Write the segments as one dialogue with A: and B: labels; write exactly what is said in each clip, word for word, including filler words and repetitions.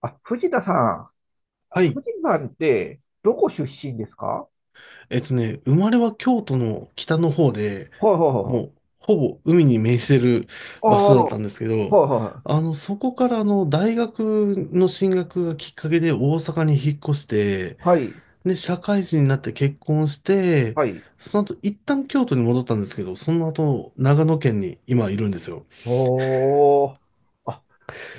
A: あ、藤田さん。
B: はい。
A: 藤田さんって、どこ出身ですか？
B: えっとね、生まれは京都の北の方で、
A: はいはいはいは
B: も
A: い。
B: う、ほぼ海に面してる
A: あ
B: 場
A: あ、
B: 所だっ
A: は
B: たんですけ
A: い
B: ど、
A: はい
B: あの、そこからあの、大学の進学がきっかけで大阪に引っ越して、
A: はい。
B: で、社会人になって結婚して、
A: はい。
B: その後、一旦京都に戻ったんですけど、その後、長野県に今いるんですよ。
A: おお。あ、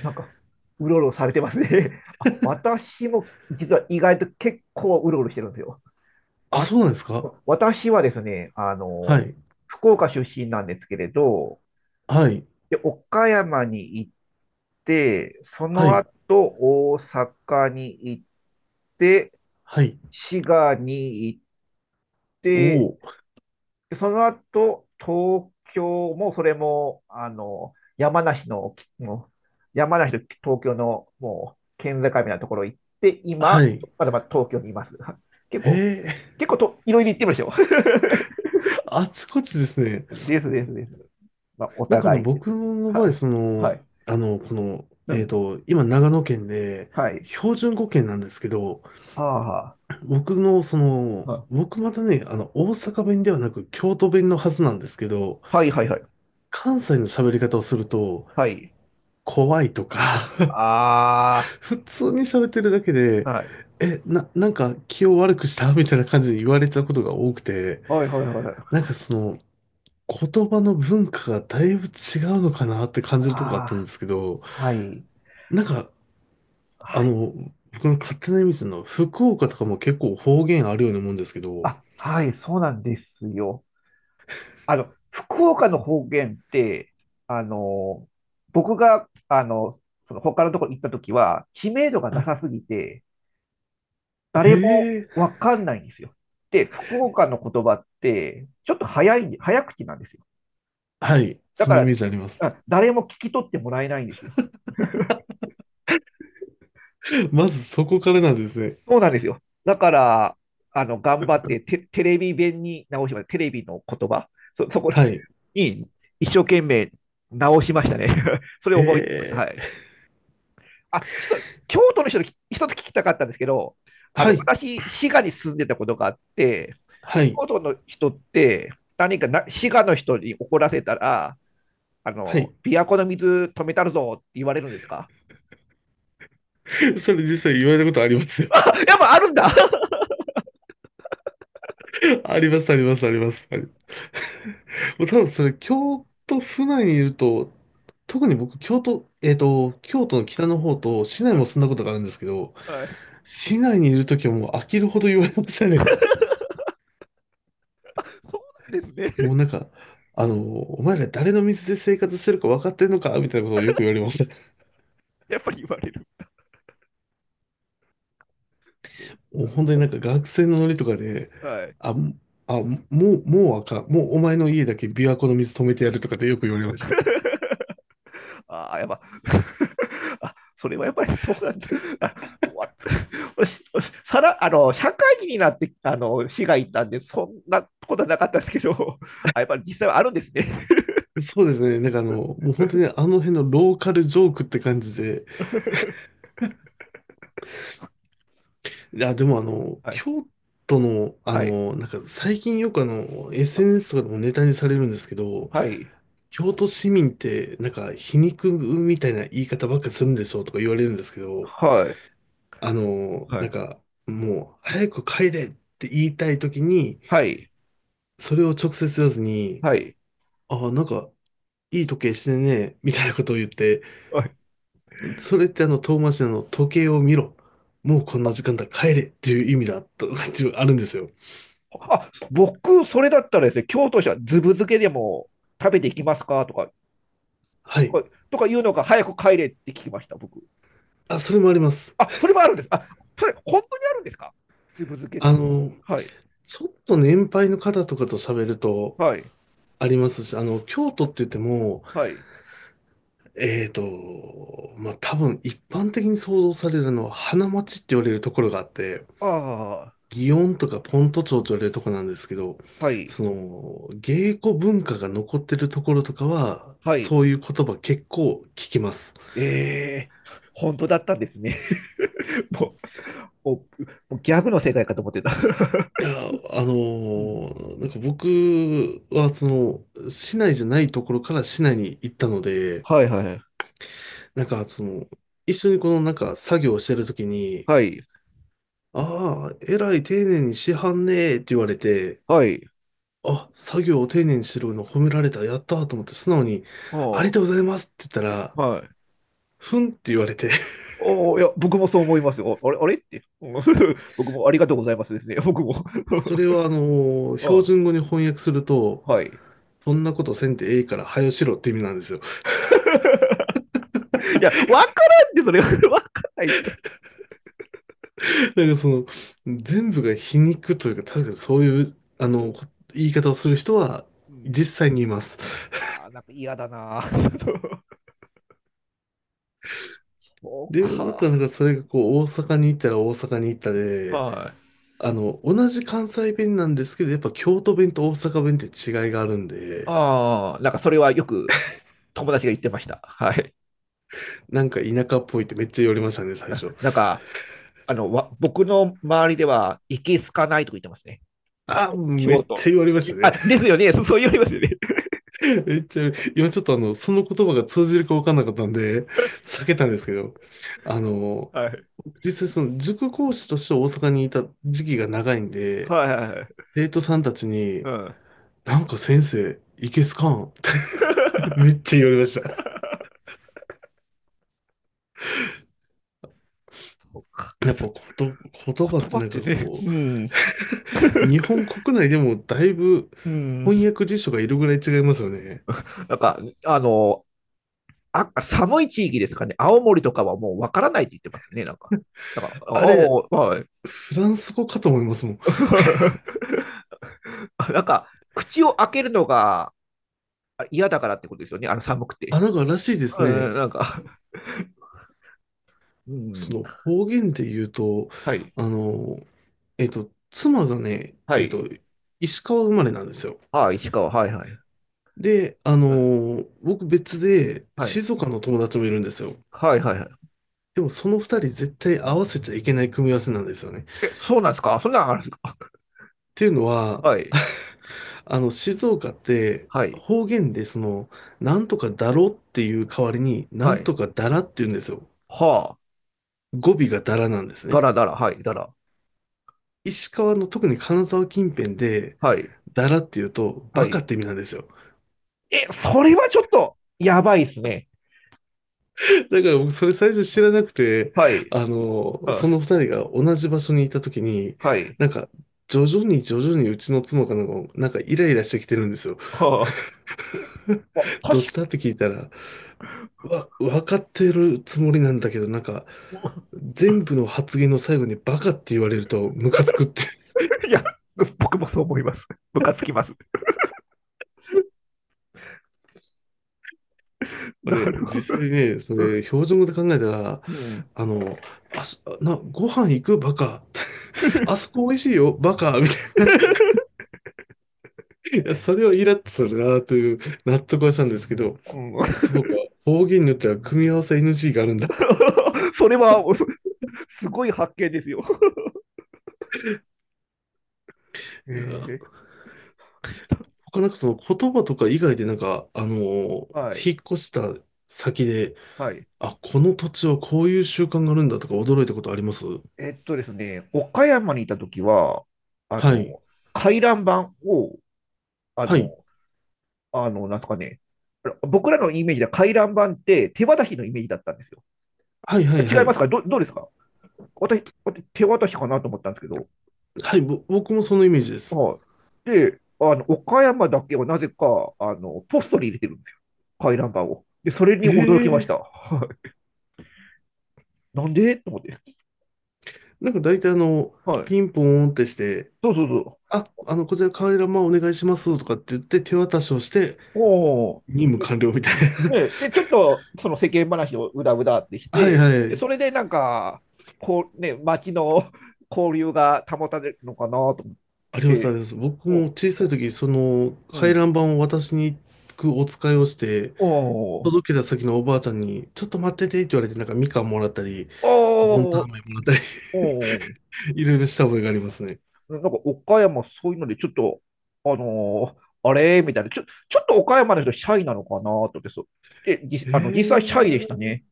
A: なんか、うろうろされてますね。あ、私も実は意外と結構うろうろしてるんですよ。
B: あ、
A: わ、
B: そうなんですか？
A: 私はですね、あ
B: は
A: の、
B: い。
A: 福岡出身なんですけれど、
B: はい。
A: で、岡山に行って、そ
B: は
A: の
B: い。
A: 後大阪に行って、
B: はい。
A: 滋賀に行っ
B: お
A: で、
B: お。
A: その後、東京もそれも、あの、山梨の、もう山梨と東京のもう県境みたいなところ行って、
B: は
A: 今、
B: い。
A: まだまだ東京にいます。結構、
B: へえ、
A: 結構と、いろいろ行ってましょ。
B: あちこちですね。
A: ですですです。まあ、お
B: なんかあの、
A: 互いで
B: 僕
A: す。
B: の
A: は
B: 場合、
A: い。
B: そ
A: は
B: の、
A: い。
B: あの、この、
A: う
B: えっ
A: ん。
B: と、今長野県で、
A: はい。
B: 標準語圏なんですけど、
A: あ
B: 僕の、その、
A: あ。
B: 僕またね、あの、大阪弁ではなく京都弁のはずなんですけど、
A: はいはいはいはい。
B: 関西の喋り方をすると、
A: はい。
B: 怖いとか
A: あ
B: 普通に喋ってるだけで、
A: あ。はい。
B: え、な、なんか気を悪くしたみたいな感じで言われちゃうことが多くて、
A: はいはいはいはい。
B: なんかその、言葉の文化がだいぶ違うのかなって感じるとこがあったんで
A: あ
B: すけど、
A: あ。はい。
B: なんか、
A: は
B: あ
A: い。
B: の、僕の勝手なイメージの福岡とかも結構方言あるように思うんですけど。
A: あ、はい。そうなんですよ。あの、福岡の方言って、あの、僕が、あの、その他のところに行った時は、知名度がな
B: あ、
A: さすぎて、
B: へ
A: 誰も
B: え、
A: わかんないんですよ。で、福岡の言葉って、ちょっと早い、早口なんですよ。
B: はい、
A: だ
B: そ
A: か
B: のイ
A: ら、
B: メージあります。
A: あ誰も聞き取ってもらえないんですよ。
B: まずそこからなんですね。
A: そうなんですよ。だから、あの、頑張ってテ、テレビ弁に直しました。テレビの言葉、そ、そこ
B: はい。
A: に一生懸命直しましたね。それ
B: へ
A: を思いつしました。は
B: え、
A: い。あ、ちょっと、京都の人に一つ聞きたかったんですけど、あ
B: は
A: の、
B: い、
A: 私、滋賀に住んでたことがあって、
B: はい、
A: 京都の人って、何かな滋賀の人に怒らせたら、あ
B: は
A: の、
B: い。
A: 琵琶湖の水止めたるぞって言われるんですか？
B: それ実際言われたことありますよ。
A: あ やっぱあるんだ
B: あります、あります、あります。はい、もう多分それ、京都府内にいると、特に僕、京都、えっと、京都の北の方と市内も住んだことがあるんですけど、
A: はい。
B: 市内にいるときはもう飽きるほど言われましたね。
A: そうなんですね。
B: もうなんか、あの、お前ら誰の水で生活してるか分かってんのかみたいなことをよく言われました。
A: やっぱり言われる。
B: もう本当になんか学生のノリとかで、
A: はい。
B: あ、あ、もう、もうあかん。もうお前の家だけ琵琶湖の水止めてやるとかってよく言われました。
A: ああ、やっぱ あ、それはやっぱりそうなんだ。あわさら、あの、社会人になって、あの、市が行ったんで、そんなことはなかったですけど、あ、やっぱり実際はあるんですね。
B: そうですね。なんかあの、もう本当にあの辺のローカルジョークって感じで。いや、でもあの、
A: はい、
B: 京都の、あ
A: はい、
B: の、なんか最近よくあの、
A: あ
B: エスエヌエス とかでもネタにされるんですけど、
A: はい、
B: 京都市民ってなんか皮肉みたいな言い方ばっかするんでしょうとか言われるんですけど、
A: はい、
B: あの、
A: は
B: なん
A: い、
B: か、もう、早く帰れって言いたいときに、
A: はい、
B: それを直接言わずに、
A: はい。
B: ああ、なんか、いい時計してんね、みたいなことを言って、
A: はい。
B: それってあの、遠回しなの、時計を見ろ。もうこんな時間だ、帰れっていう意味だ、とかっていうのあるんですよ。
A: あ、僕、それだったらですね、京都市はずぶ漬けでも食べていきますか、とか、
B: は
A: と
B: い。
A: か、とか言うのが早く帰れって聞きました、僕。
B: あ、それもあります。
A: あ、それもあるんです。あ、それ、本当にあるんですか？ずぶ漬けっ
B: あ
A: て。
B: の、
A: はい、
B: ちょっと年配の方とかと喋ると、
A: はい、
B: ありますし、あの、京都って言っても、
A: はい。
B: えーと、まあ、多分一般的に想像されるのは花街って言われるところがあって、
A: ああ、
B: 祇園とかポント町と言われるとこなんですけど、
A: はい、
B: その、芸妓文化が残ってるところとかは、
A: はい。
B: そういう言葉結構聞きます。
A: ええ、本当だったんですね。もう、もう、もうギャグの世界かと思ってた。
B: いや、あの
A: うん。
B: ーなんか僕は、その、市内じゃないところから市内に行ったので、
A: はいはい。
B: なんか、その、一緒にこの、なんか、作業をしてるときに、
A: はい。
B: ああ、えらい丁寧にしはんねえって言われて、
A: はい。
B: あ、作業を丁寧にしてるの褒められた、やったーと思って素直に、あり
A: は
B: がとうございますって言ったら、
A: あ、はい。
B: ふんって言われて、
A: おお、いや、僕もそう思いますよ。おあれ、あれって。うん。 僕もありがとうございますですね。僕も。
B: それ はあの、
A: は
B: 標
A: い。
B: 準語に翻訳すると、
A: はい。
B: そんなことせんてええから、はよしろって意味なんですよ。
A: いや、わからんって、それ。わかんないですよ。
B: だからその、全部が皮肉というか、確かにそういう、あ
A: う
B: の、
A: ん
B: こ言い方をする人は、
A: うん。
B: 実際にいます。
A: ああ、なんか嫌だな。そう
B: で、ま
A: か。
B: たなんかそれがこう、大阪に行ったら大阪に行ったで、
A: はい。
B: あの、同じ関西弁なんですけど、やっぱ京都弁と大阪弁って違いがあるんで、
A: ああ、なんかそれはよく友達が言ってました。はい。
B: なんか田舎っぽいってめっちゃ言われましたね、最初。
A: なんか、あの、わ僕の周りでは、いけすかないとか言ってますね。
B: ああ、
A: 京
B: め
A: 京
B: っち
A: 都。
B: ゃ言われましたね。
A: あ、ですよね。そそう言われますよね。
B: めっちゃ、今ちょっとあの、その言葉が通じるか分かんなかったんで、避けたんですけど、あの、
A: はい。
B: 実際その塾講師として大阪にいた時期が長いんで、
A: はいはいはい。
B: 生徒さんたち
A: う
B: に、
A: ん。
B: なんか先生、いけすかんって めっ ちゃ言われました。
A: そうか。
B: やっぱこと、言葉っ
A: 言葉
B: てな
A: っ
B: んか
A: てね、
B: こ
A: うん。
B: う、日本国内でもだいぶ
A: うん。
B: 翻訳辞書がいるぐらい違いますよね。
A: なんか、あの、あ寒い地域ですかね。青森とかはもうわからないって言ってますね。なんか。なんか、あ
B: あれ、
A: おはい。
B: フランス語かと思いますもん。
A: あなんか、口を開けるのが嫌だからってことですよね。あの寒く
B: あ、
A: て。
B: なんからしいです
A: うんうん、
B: ね。
A: なんか。う
B: そ
A: ん。
B: の方言で言うと、
A: はい。
B: あの、えっと、妻がね、
A: は
B: えっ
A: い。
B: と、石川生まれなんですよ。
A: ああ、石川。はいはい。
B: で、あのー僕別で
A: はい。
B: 静岡の友達もいるんですよ。
A: はいはいはい。
B: でもその二人絶対合わせちゃいけない組み合わせなんですよね。っ
A: え、そうなんですか？そんなんあるんですか？
B: ていうのは、
A: はい。
B: あの、静岡って
A: はい。
B: 方言でその、なんとかだろっていう代わりに、な
A: は
B: ん
A: い。
B: とかだらって言うんですよ。
A: はあ。
B: 語尾がだらなんです
A: だ
B: ね。
A: らだら。はい。だら。
B: 石川の特に金沢近辺で、
A: はい。
B: だらって言うと、
A: は
B: バカっ
A: い。
B: て意味なんですよ。
A: え、それはちょっと、やばいっすね。
B: だから僕それ最初知らなくて、
A: はい。
B: あの、
A: は
B: そ
A: あ
B: の二人が同じ場所にいた時に、
A: はい。
B: なんか、徐々に徐々にうちの妻かなんか、なんかイライラしてきてるんですよ。
A: は あ。あ、
B: どう
A: 確
B: し
A: か、
B: たって聞いたら、わ、分かってるつもりなんだけど、なんか、全部の発言の最後にバカって言われるとムカつくって。
A: いや、僕もそう思います。ムカつきます。
B: まあ
A: な
B: ね、
A: るほど。
B: 実際ね、そ
A: う
B: れ、
A: ん。
B: 標準語で考えたら、
A: うん
B: あの、あそ、な、ご飯行くバカ。あそこ美味しいよ、バカみたいな。いや、それをイラッとするなという納得はしたんですけど、そ うか、方言によっては組み合わせ エヌジー があるんだ。
A: それは、そすごい発見ですよ。え
B: いや、
A: ー
B: 他なんかその言葉とか以外でなんか、あのー
A: はい。
B: 引っ越した先で、
A: はい。
B: あ、この土地はこういう習慣があるんだとか驚いたことあります？
A: えっとですね、岡山にいた時は、あ
B: は
A: の、
B: い。
A: 回覧板を、あ
B: は
A: の、
B: い。
A: あの、なんとかね、僕らのイメージでは回覧板って手渡しのイメージだったんですよ。
B: はいはいは
A: 違いま
B: い。
A: すか？ど、どうですか？私、私手渡しかなと思ったんですけど、
B: はい、ぼ、僕もそのイメージです。
A: はい。で、あの、岡山だけはなぜか、あの、ポストに入れてるんですよ。回覧板を。で、それに
B: え
A: 驚きまし
B: え。
A: た。なんでと思って。
B: なんか大体あの、
A: はい。
B: ピンポーンってして、
A: そうそうそう。
B: あ、あの、こちらカーリラマンお願いしますとかって言って手渡しをして、
A: お
B: 任務完了みたいな。
A: ね、で、ちょっとその世間話をうだうだってし
B: はい
A: て、
B: は
A: で、そ
B: い。
A: れでなんか、こうね、街の 交流が保たれるのかなと思っ
B: あります、あ
A: て、
B: ります。僕
A: うん、
B: も小さい時、その
A: う
B: 回
A: ん、
B: 覧板を渡しに行くお使いをして、
A: おー、
B: 届けた先のおばあちゃんに、ちょっと待っててって言われて、なんかみかんもらったり、ボンタン
A: おー、
B: 飴もらったり
A: おー、
B: いろいろした覚えがありますね。
A: なんか岡山そういうのでちょっと、あのーあれみたいな、ちょ、ちょっと岡山の人シャイなのかなと思って、そう。で、じ、あの、実際シャイでした
B: ええ。
A: ね。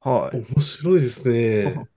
A: はい。
B: 面白いですね。